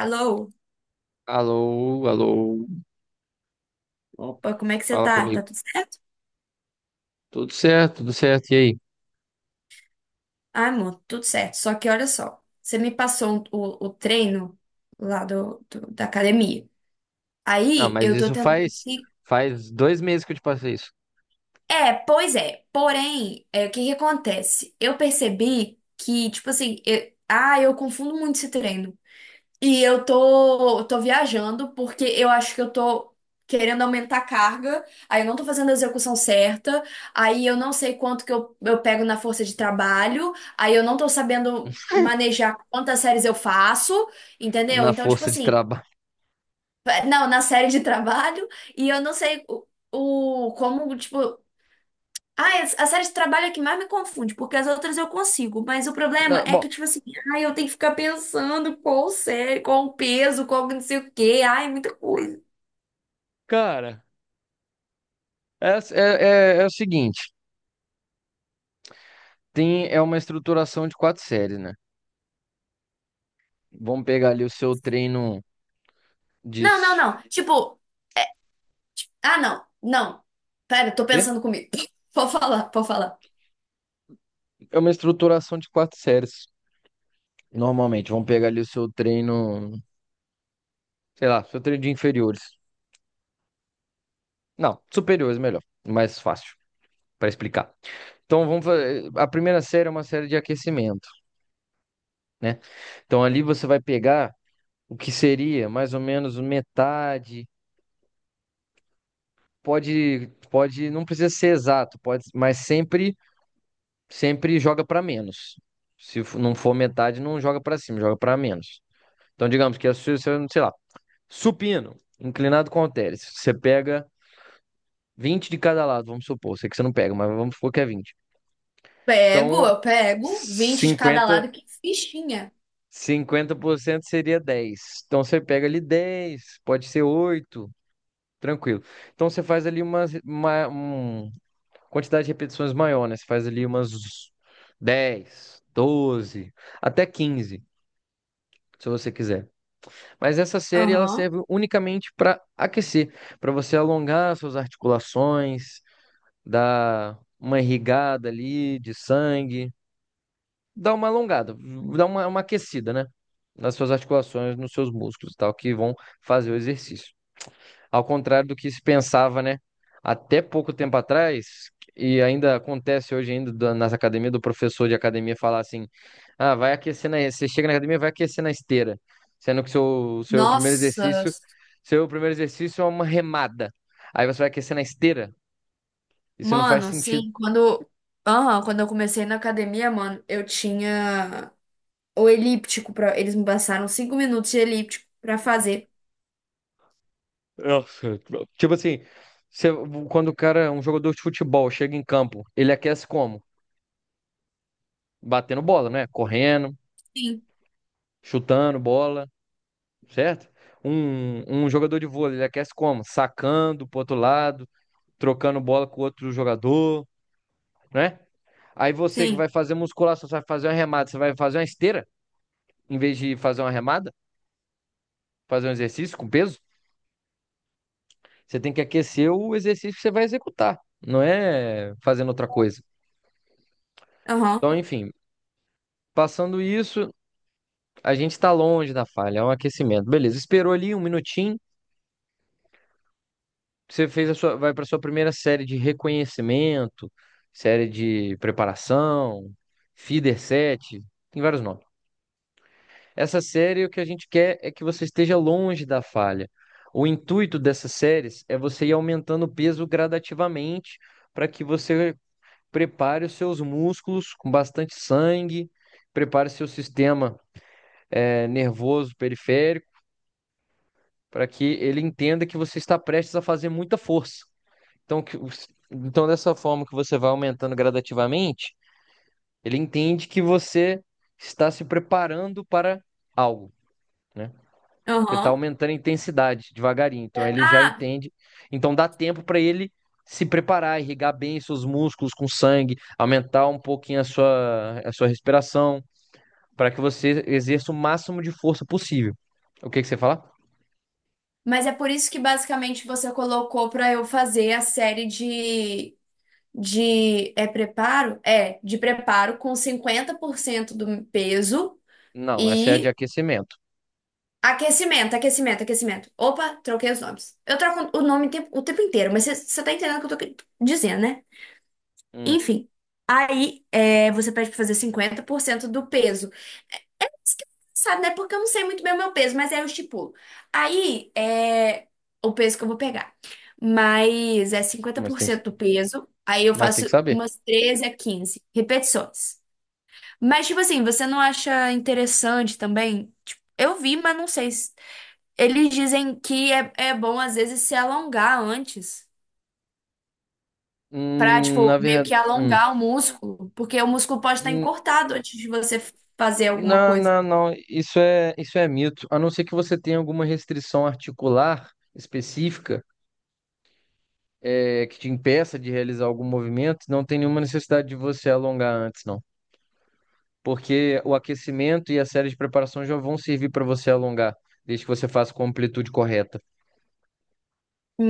Alô? Alô, alô, Opa, como é que você fala tá? Tá comigo. tudo certo? Tudo certo, e aí? Ah, amor, tudo certo. Só que olha só, você me passou o treino lá da academia. Não, Aí mas eu tô isso tentando faz se. faz dois meses que eu te passei isso É, pois é. Porém, o que que acontece? Eu percebi que, tipo assim, eu confundo muito esse treino. E eu tô viajando porque eu acho que eu tô querendo aumentar a carga, aí eu não tô fazendo a execução certa, aí eu não sei quanto que eu pego na força de trabalho, aí eu não tô sabendo manejar quantas séries eu faço, entendeu? na Então, tipo força de assim, trabalho. é, não, na série de trabalho, e eu não sei o como, tipo. Ah, a série de trabalho é que mais me confunde, porque as outras eu consigo, mas o problema Não, é bom, que, tipo assim, ai, eu tenho que ficar pensando qual série, qual o peso, qual não sei o quê, ai, muita coisa. cara, é o seguinte, tem é uma estruturação de quatro séries, né? Vamos pegar ali o seu treino de Não, não, s- não. Tipo, ah, não, não. Pera, tô quê? pensando comigo. Pode falar, pode falar. É uma estruturação de quatro séries, normalmente. Vamos pegar ali o seu treino, sei lá, seu treino de inferiores. Não, superiores melhor, mais fácil para explicar. Então vamos fazer. A primeira série é uma série de aquecimento, né? Então ali você vai pegar o que seria mais ou menos metade. Pode, pode, não precisa ser exato, pode, mas sempre, sempre joga para menos. Se f- Não for metade, não joga para cima, joga para menos. Então digamos que sei lá, supino, inclinado com halteres, você pega 20 de cada lado, vamos supor, sei que você não pega, mas vamos supor que é 20. Pego, Então eu pego, 20 de cada 50 lado, que fichinha. 50% seria dez. Então você pega ali 10, pode ser 8, tranquilo. Então você faz ali umas quantidade de repetições maior, né? Você faz ali umas 10, 12, até 15, se você quiser. Mas essa série ela Aham. serve unicamente para aquecer, para você alongar suas articulações, dar uma irrigada ali de sangue, dá uma alongada, dá uma aquecida, né? Nas suas articulações, nos seus músculos e tal, que vão fazer o exercício. Ao contrário do que se pensava, né? Até pouco tempo atrás, e ainda acontece hoje ainda nas academias, do professor de academia falar assim, ah, você chega na academia, vai aquecer na esteira. Sendo que seu primeiro Nossa, exercício, seu primeiro exercício é uma remada. Aí você vai aquecer na esteira. Isso não faz mano, sentido. sim, quando. Aham, quando eu comecei na academia, mano, eu tinha. Ou elíptico para eles me passaram 5 minutos de elíptico para fazer. Nossa, tipo assim, você- quando o cara, um jogador de futebol, chega em campo, ele aquece como? Batendo bola, né? Correndo, Sim, chutando bola, certo? Um jogador de vôlei, ele aquece como? Sacando pro outro lado, trocando bola com outro jogador, né? Aí você que sim. vai fazer musculação, você vai fazer uma remada, você vai fazer uma esteira, em vez de fazer uma remada, fazer um exercício com peso, você tem que aquecer o exercício que você vai executar, não é fazendo outra coisa. Aham, Então, enfim. Passando isso, a gente tá longe da falha, é um aquecimento. Beleza, esperou ali um minutinho, você fez a sua, vai para sua primeira série de reconhecimento, série de preparação, feeder set, tem vários nomes. Essa série, o que a gente quer é que você esteja longe da falha. O intuito dessas séries é você ir aumentando o peso gradativamente para que você prepare os seus músculos com bastante sangue, prepare seu sistema, nervoso periférico, para que ele entenda que você está prestes a fazer muita força. Então, então, dessa forma que você vai aumentando gradativamente, ele entende que você está se preparando para algo, né? Porque está aham. aumentando a intensidade devagarinho. Então, ele já Ah, entende. Então, dá tempo para ele se preparar, irrigar bem seus músculos com sangue, aumentar um pouquinho a sua respiração, para que você exerça o máximo de força possível. O que que você fala? mas é por isso que basicamente você colocou para eu fazer a série de preparo? É, de preparo com 50% do peso Não, essa é a de e aquecimento. aquecimento, aquecimento, aquecimento. Opa, troquei os nomes. Eu troco o nome o tempo inteiro, mas você tá entendendo o que eu tô dizendo, né? Hum, Enfim. Aí, é, você pede para fazer 50% do peso. Isso que é engraçado, né? Porque eu não sei muito bem o meu peso, mas aí eu estipulo. Aí é o peso que eu vou pegar. Mas é cinquenta mas por tem que cento do peso. Aí eu Mas tem faço que saber. umas 13 a 15 repetições. Mas, tipo assim, você não acha interessante também? Tipo, eu vi, mas não sei. Eles dizem que é bom, às vezes, se alongar antes. Pra, tipo, Na meio verdade. que Hum. alongar o músculo. Porque o músculo pode estar Hum, encurtado antes de você fazer alguma não, coisa. não, não. Isso é mito. A não ser que você tenha alguma restrição articular específica, que te impeça de realizar algum movimento, não tem nenhuma necessidade de você alongar antes, não. Porque o aquecimento e a série de preparação já vão servir para você alongar, desde que você faça com a amplitude correta.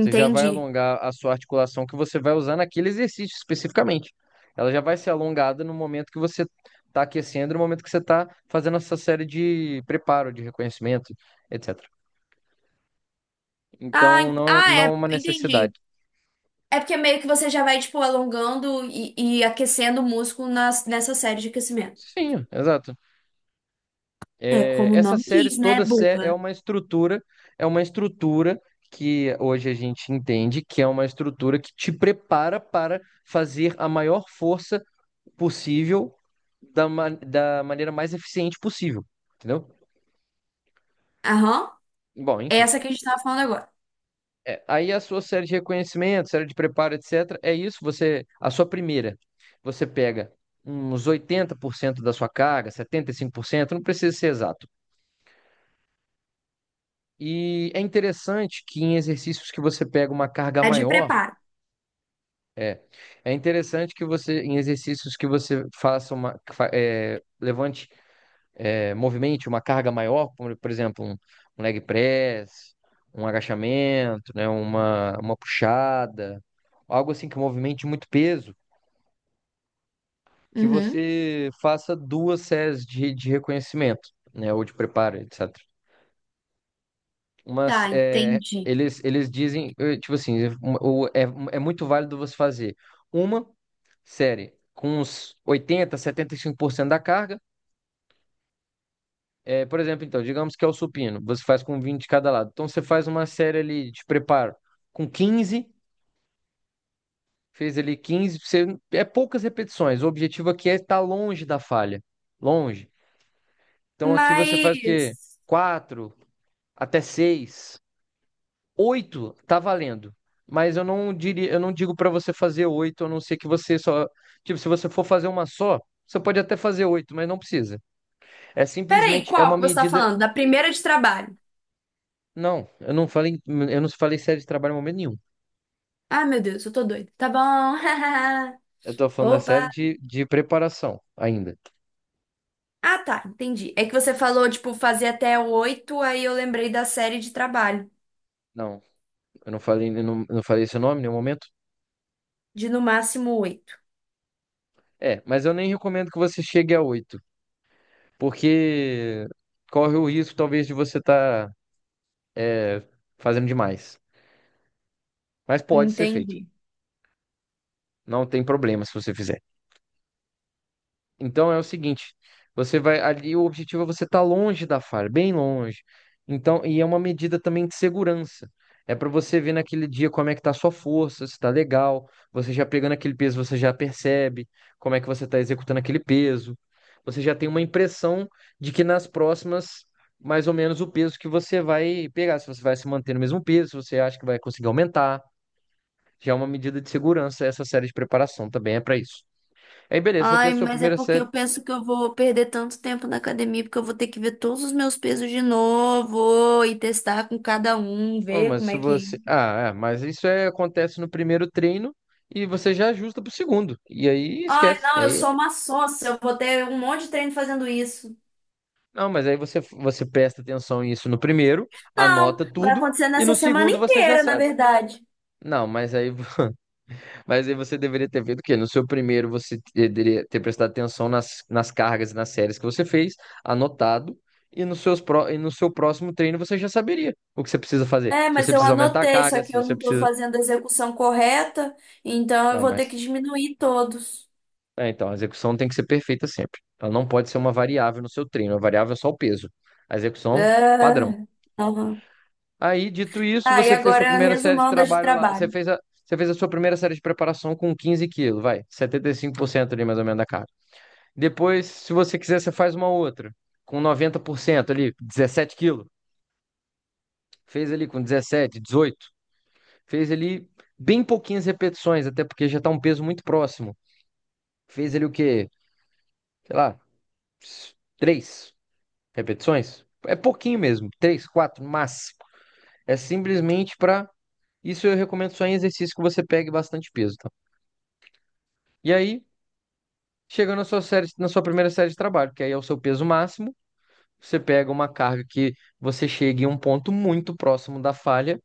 Você já vai alongar a sua articulação que você vai usar naquele exercício especificamente. Ela já vai ser alongada no momento que você está aquecendo, no momento que você está fazendo essa série de preparo, de reconhecimento, etc. Ah, Então, não é, não é uma entendi. necessidade. É porque meio que você já vai, tipo, alongando e aquecendo o músculo nessa série de aquecimento. Sim, exato. É É, como o essas nome séries diz, né, todas burra? É uma estrutura que hoje a gente entende que é uma estrutura que te prepara para fazer a maior força possível da maneira mais eficiente possível, entendeu? Aham. Bom, É enfim. essa que a gente tava falando agora. É, aí a sua série de reconhecimento, série de preparo, etc. É isso, você, a sua primeira, você pega uns 80% da sua carga, 75%. Não precisa ser exato. E é interessante que em exercícios que você pega uma carga A de maior, preparo. é é interessante que você, em exercícios que você faça uma, que fa- é, levante movimente uma carga maior, como, por exemplo, um leg press, um agachamento, né, uma puxada, algo assim que movimente muito peso, que Uhum. você faça duas séries de reconhecimento, né, ou de preparo, etc. Mas Tá, é, entendi. eles dizem, tipo assim, o- é, é muito válido você fazer uma série com uns oitenta, setenta e cinco por cento da carga. É, por exemplo, então, digamos que é o supino, você faz com 20 de cada lado. Então você faz uma série ali de preparo com 15, fez ali 15, você, é poucas repetições. O objetivo aqui é estar longe da falha, longe. Então aqui você faz o quê? Mas. Quatro até seis, 8 tá valendo. Mas eu não diria, eu não digo para você fazer 8 a não ser que você só, tipo, se você for fazer uma só, você pode até fazer oito, mas não precisa. É Peraí, simplesmente é qual uma que você tá medida. falando? Da primeira de trabalho. Não, eu não falei série de trabalho em momento nenhum. Ah, meu Deus, eu tô doida. Tá bom. Eu tô falando da série Opa. de preparação ainda. Ah, tá, entendi. É que você falou, tipo, fazer até oito, aí eu lembrei da série de trabalho, Não, eu não falei esse nome em nenhum momento. de no máximo oito. É, mas eu nem recomendo que você chegue a oito, porque corre o risco talvez de você estar fazendo demais. Mas pode ser feito. Entendi. Não tem problema se você fizer. Então é o seguinte, você vai ali, o objetivo é você estar longe da falha, bem longe. Então, e é uma medida também de segurança. É para você ver naquele dia como é que tá a sua força, se tá legal, você já pegando aquele peso, você já percebe como é que você está executando aquele peso. Você já tem uma impressão de que nas próximas, mais ou menos o peso que você vai pegar, se você vai se manter no mesmo peso, se você acha que vai conseguir aumentar. Já é uma medida de segurança, essa série de preparação também é para isso. Aí, beleza, você Ai, fez a sua mas é primeira porque eu série. penso que eu vou perder tanto tempo na academia, porque eu vou ter que ver todos os meus pesos de novo e testar com cada um, Pô, ver mas como se é que. você. Ah, mas isso é, acontece no primeiro treino e você já ajusta pro segundo. E aí Ai, esquece. E não, eu aí, sou uma sócia, eu vou ter um monte de treino fazendo isso. não, mas aí você presta atenção nisso no primeiro, Não, anota vai tudo, acontecer e nessa no semana segundo você já inteira, na sabe. verdade. Não, mas aí, mas aí você deveria ter feito o quê? No seu primeiro você deveria ter prestado atenção nas cargas e nas séries que você fez, anotado, e, e no seu próximo treino você já saberia o que você precisa fazer. É, Se mas você eu precisa aumentar a anotei, só carga, se que eu você não tô precisa. fazendo a execução correta, então eu Não, vou ter que mas. diminuir todos. É, então, a execução tem que ser perfeita sempre. Ela não pode ser uma variável no seu treino. A variável é só o peso. A execução, padrão. É. Aham. Aí, dito isso, Ah, e você fez sua agora primeira série de resumão das de trabalho lá. Você trabalho. fez a, você fez a sua primeira série de preparação com 15 quilos, vai. Setenta e cinco por cento ali, mais ou menos, da carga. Depois, se você quiser, você faz uma outra. Com 90% ali, dezessete quilos. Fez ali com 17, 18. Fez ali bem pouquinhas repetições, até porque já está um peso muito próximo. Fez ali o quê? Sei lá, três repetições. É pouquinho mesmo, três, quatro, mas é simplesmente para isso eu recomendo só em exercício que você pegue bastante peso, tá? E aí, chegando na sua série, na sua primeira série de trabalho, que aí é o seu peso máximo, você pega uma carga que você chegue em um ponto muito próximo da falha,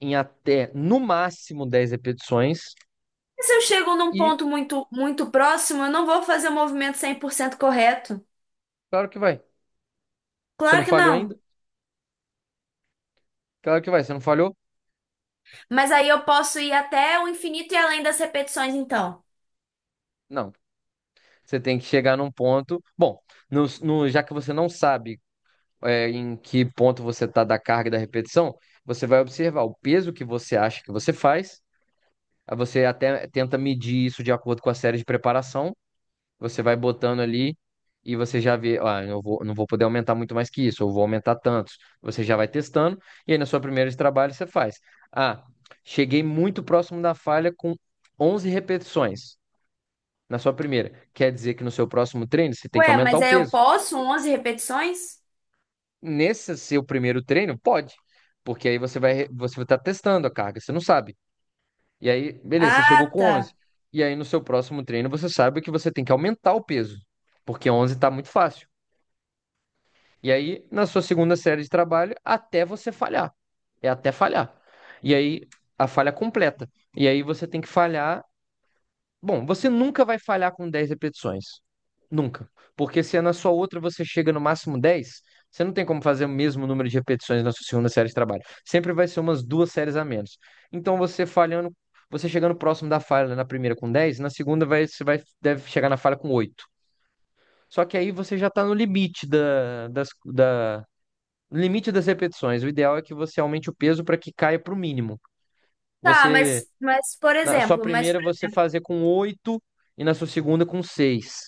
em até no máximo 10 repetições, E se eu chego num e ponto muito, muito próximo, eu não vou fazer o movimento 100% correto. claro que vai. Você não Claro que falhou não. ainda? Claro que vai. Você não falhou? Mas aí eu posso ir até o infinito e além das repetições, então. Não. Você tem que chegar num ponto. Bom, já que você não sabe em que ponto você está da carga e da repetição, você vai observar o peso que você acha que você faz, aí você até tenta medir isso de acordo com a série de preparação, você vai botando ali e você já vê, ah, não vou poder aumentar muito mais que isso, eu vou aumentar tantos. Você já vai testando e aí na sua primeira de trabalho você faz. Ah, cheguei muito próximo da falha com 11 repetições. Na sua primeira, quer dizer que no seu próximo treino você tem que Ué, aumentar mas o aí eu peso. posso 11 repetições? Nesse seu primeiro treino, pode. Porque aí você vai estar testando a carga, você não sabe. E aí, beleza, você chegou Ah, com 11. tá. E aí no seu próximo treino você sabe que você tem que aumentar o peso, porque 11 está muito fácil. E aí na sua segunda série de trabalho, até você falhar. É até falhar. E aí a falha completa. E aí você tem que falhar. Bom, você nunca vai falhar com 10 repetições. Nunca. Porque se é na sua outra você chega no máximo dez, você não tem como fazer o mesmo número de repetições na sua segunda série de trabalho. Sempre vai ser umas duas séries a menos. Então você falhando, você chegando próximo da falha na primeira com dez, na segunda vai, deve chegar na falha com oito. Só que aí você já está no limite no limite das repetições. O ideal é que você aumente o peso para que caia para o mínimo. Tá, Você mas, mas por na sua exemplo, mas, primeira você fazer com oito e na sua segunda com seis.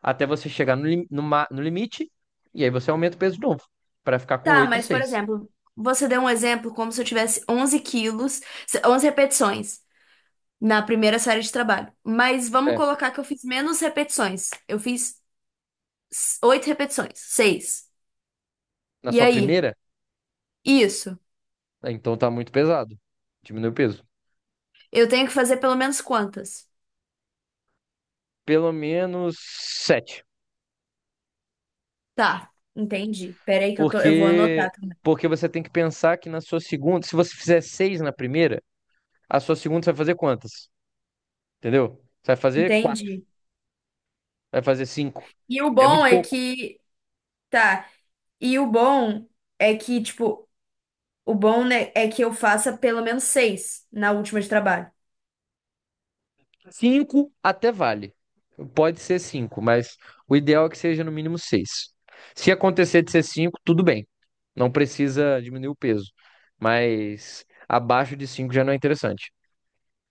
Até você chegar no limite, e aí você aumenta o peso de novo para ficar com tá, oito e mas por seis. exemplo, você deu um exemplo como se eu tivesse 11 quilos, 11 repetições na primeira série de trabalho. Mas vamos É, colocar que eu fiz menos repetições. Eu fiz 8 repetições, 6. na E sua aí? primeira, Isso. né, então tá muito pesado. Diminui o peso. Eu tenho que fazer pelo menos quantas? Pelo menos sete. Tá, entendi. Peraí que eu vou Porque anotar também. porque você tem que pensar que na sua segunda, se você fizer seis na primeira, a sua segunda você vai fazer quantas? Entendeu? Você vai fazer quatro, Entendi. vai fazer cinco. E o É bom muito é pouco. que, tá, e o bom é que, tipo, o bom, né, é que eu faça pelo menos seis na última de trabalho. Cinco até vale. Pode ser cinco, mas o ideal é que seja no mínimo seis. Se acontecer de ser cinco, tudo bem. Não precisa diminuir o peso. Mas abaixo de cinco já não é interessante.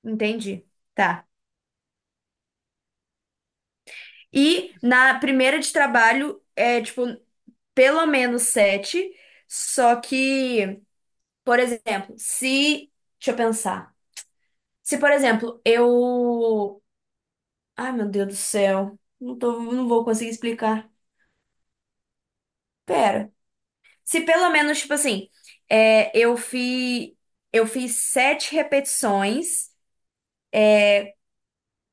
Entendi. Tá. E na primeira de trabalho é, tipo, pelo menos sete, só que, por exemplo, se, deixa eu pensar. Se, por exemplo, eu ai, meu Deus do céu. Não tô, não vou conseguir explicar. Pera. Se pelo menos, tipo assim, é, eu fiz, eu fiz sete repetições.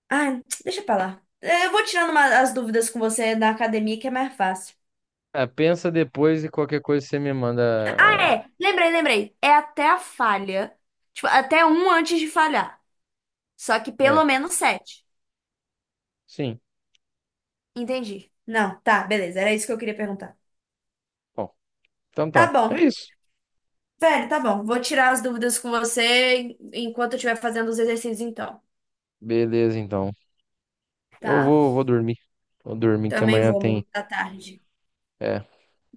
Ah, deixa pra lá. É, eu vou tirando as dúvidas com você da academia, que é mais fácil. É, pensa depois e qualquer coisa você me manda. Ah, É, lembrei, lembrei. É até a falha. Tipo, até um antes de falhar. Só que pelo é, menos sete. sim. Entendi. Não, tá, beleza. Era isso que eu queria perguntar. Bom, então tá. Tá bom. É isso. Velho, tá bom. Vou tirar as dúvidas com você enquanto eu estiver fazendo os exercícios, então. Beleza, então. Eu Tá? vou, vou dormir. Vou dormir que Também amanhã vou, tem. amor, tá tarde. É.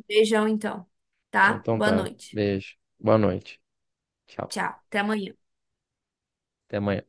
Beijão então, tá? Então Boa tá. noite. Beijo. Boa noite. Tchau. Tchau, até amanhã. Até amanhã.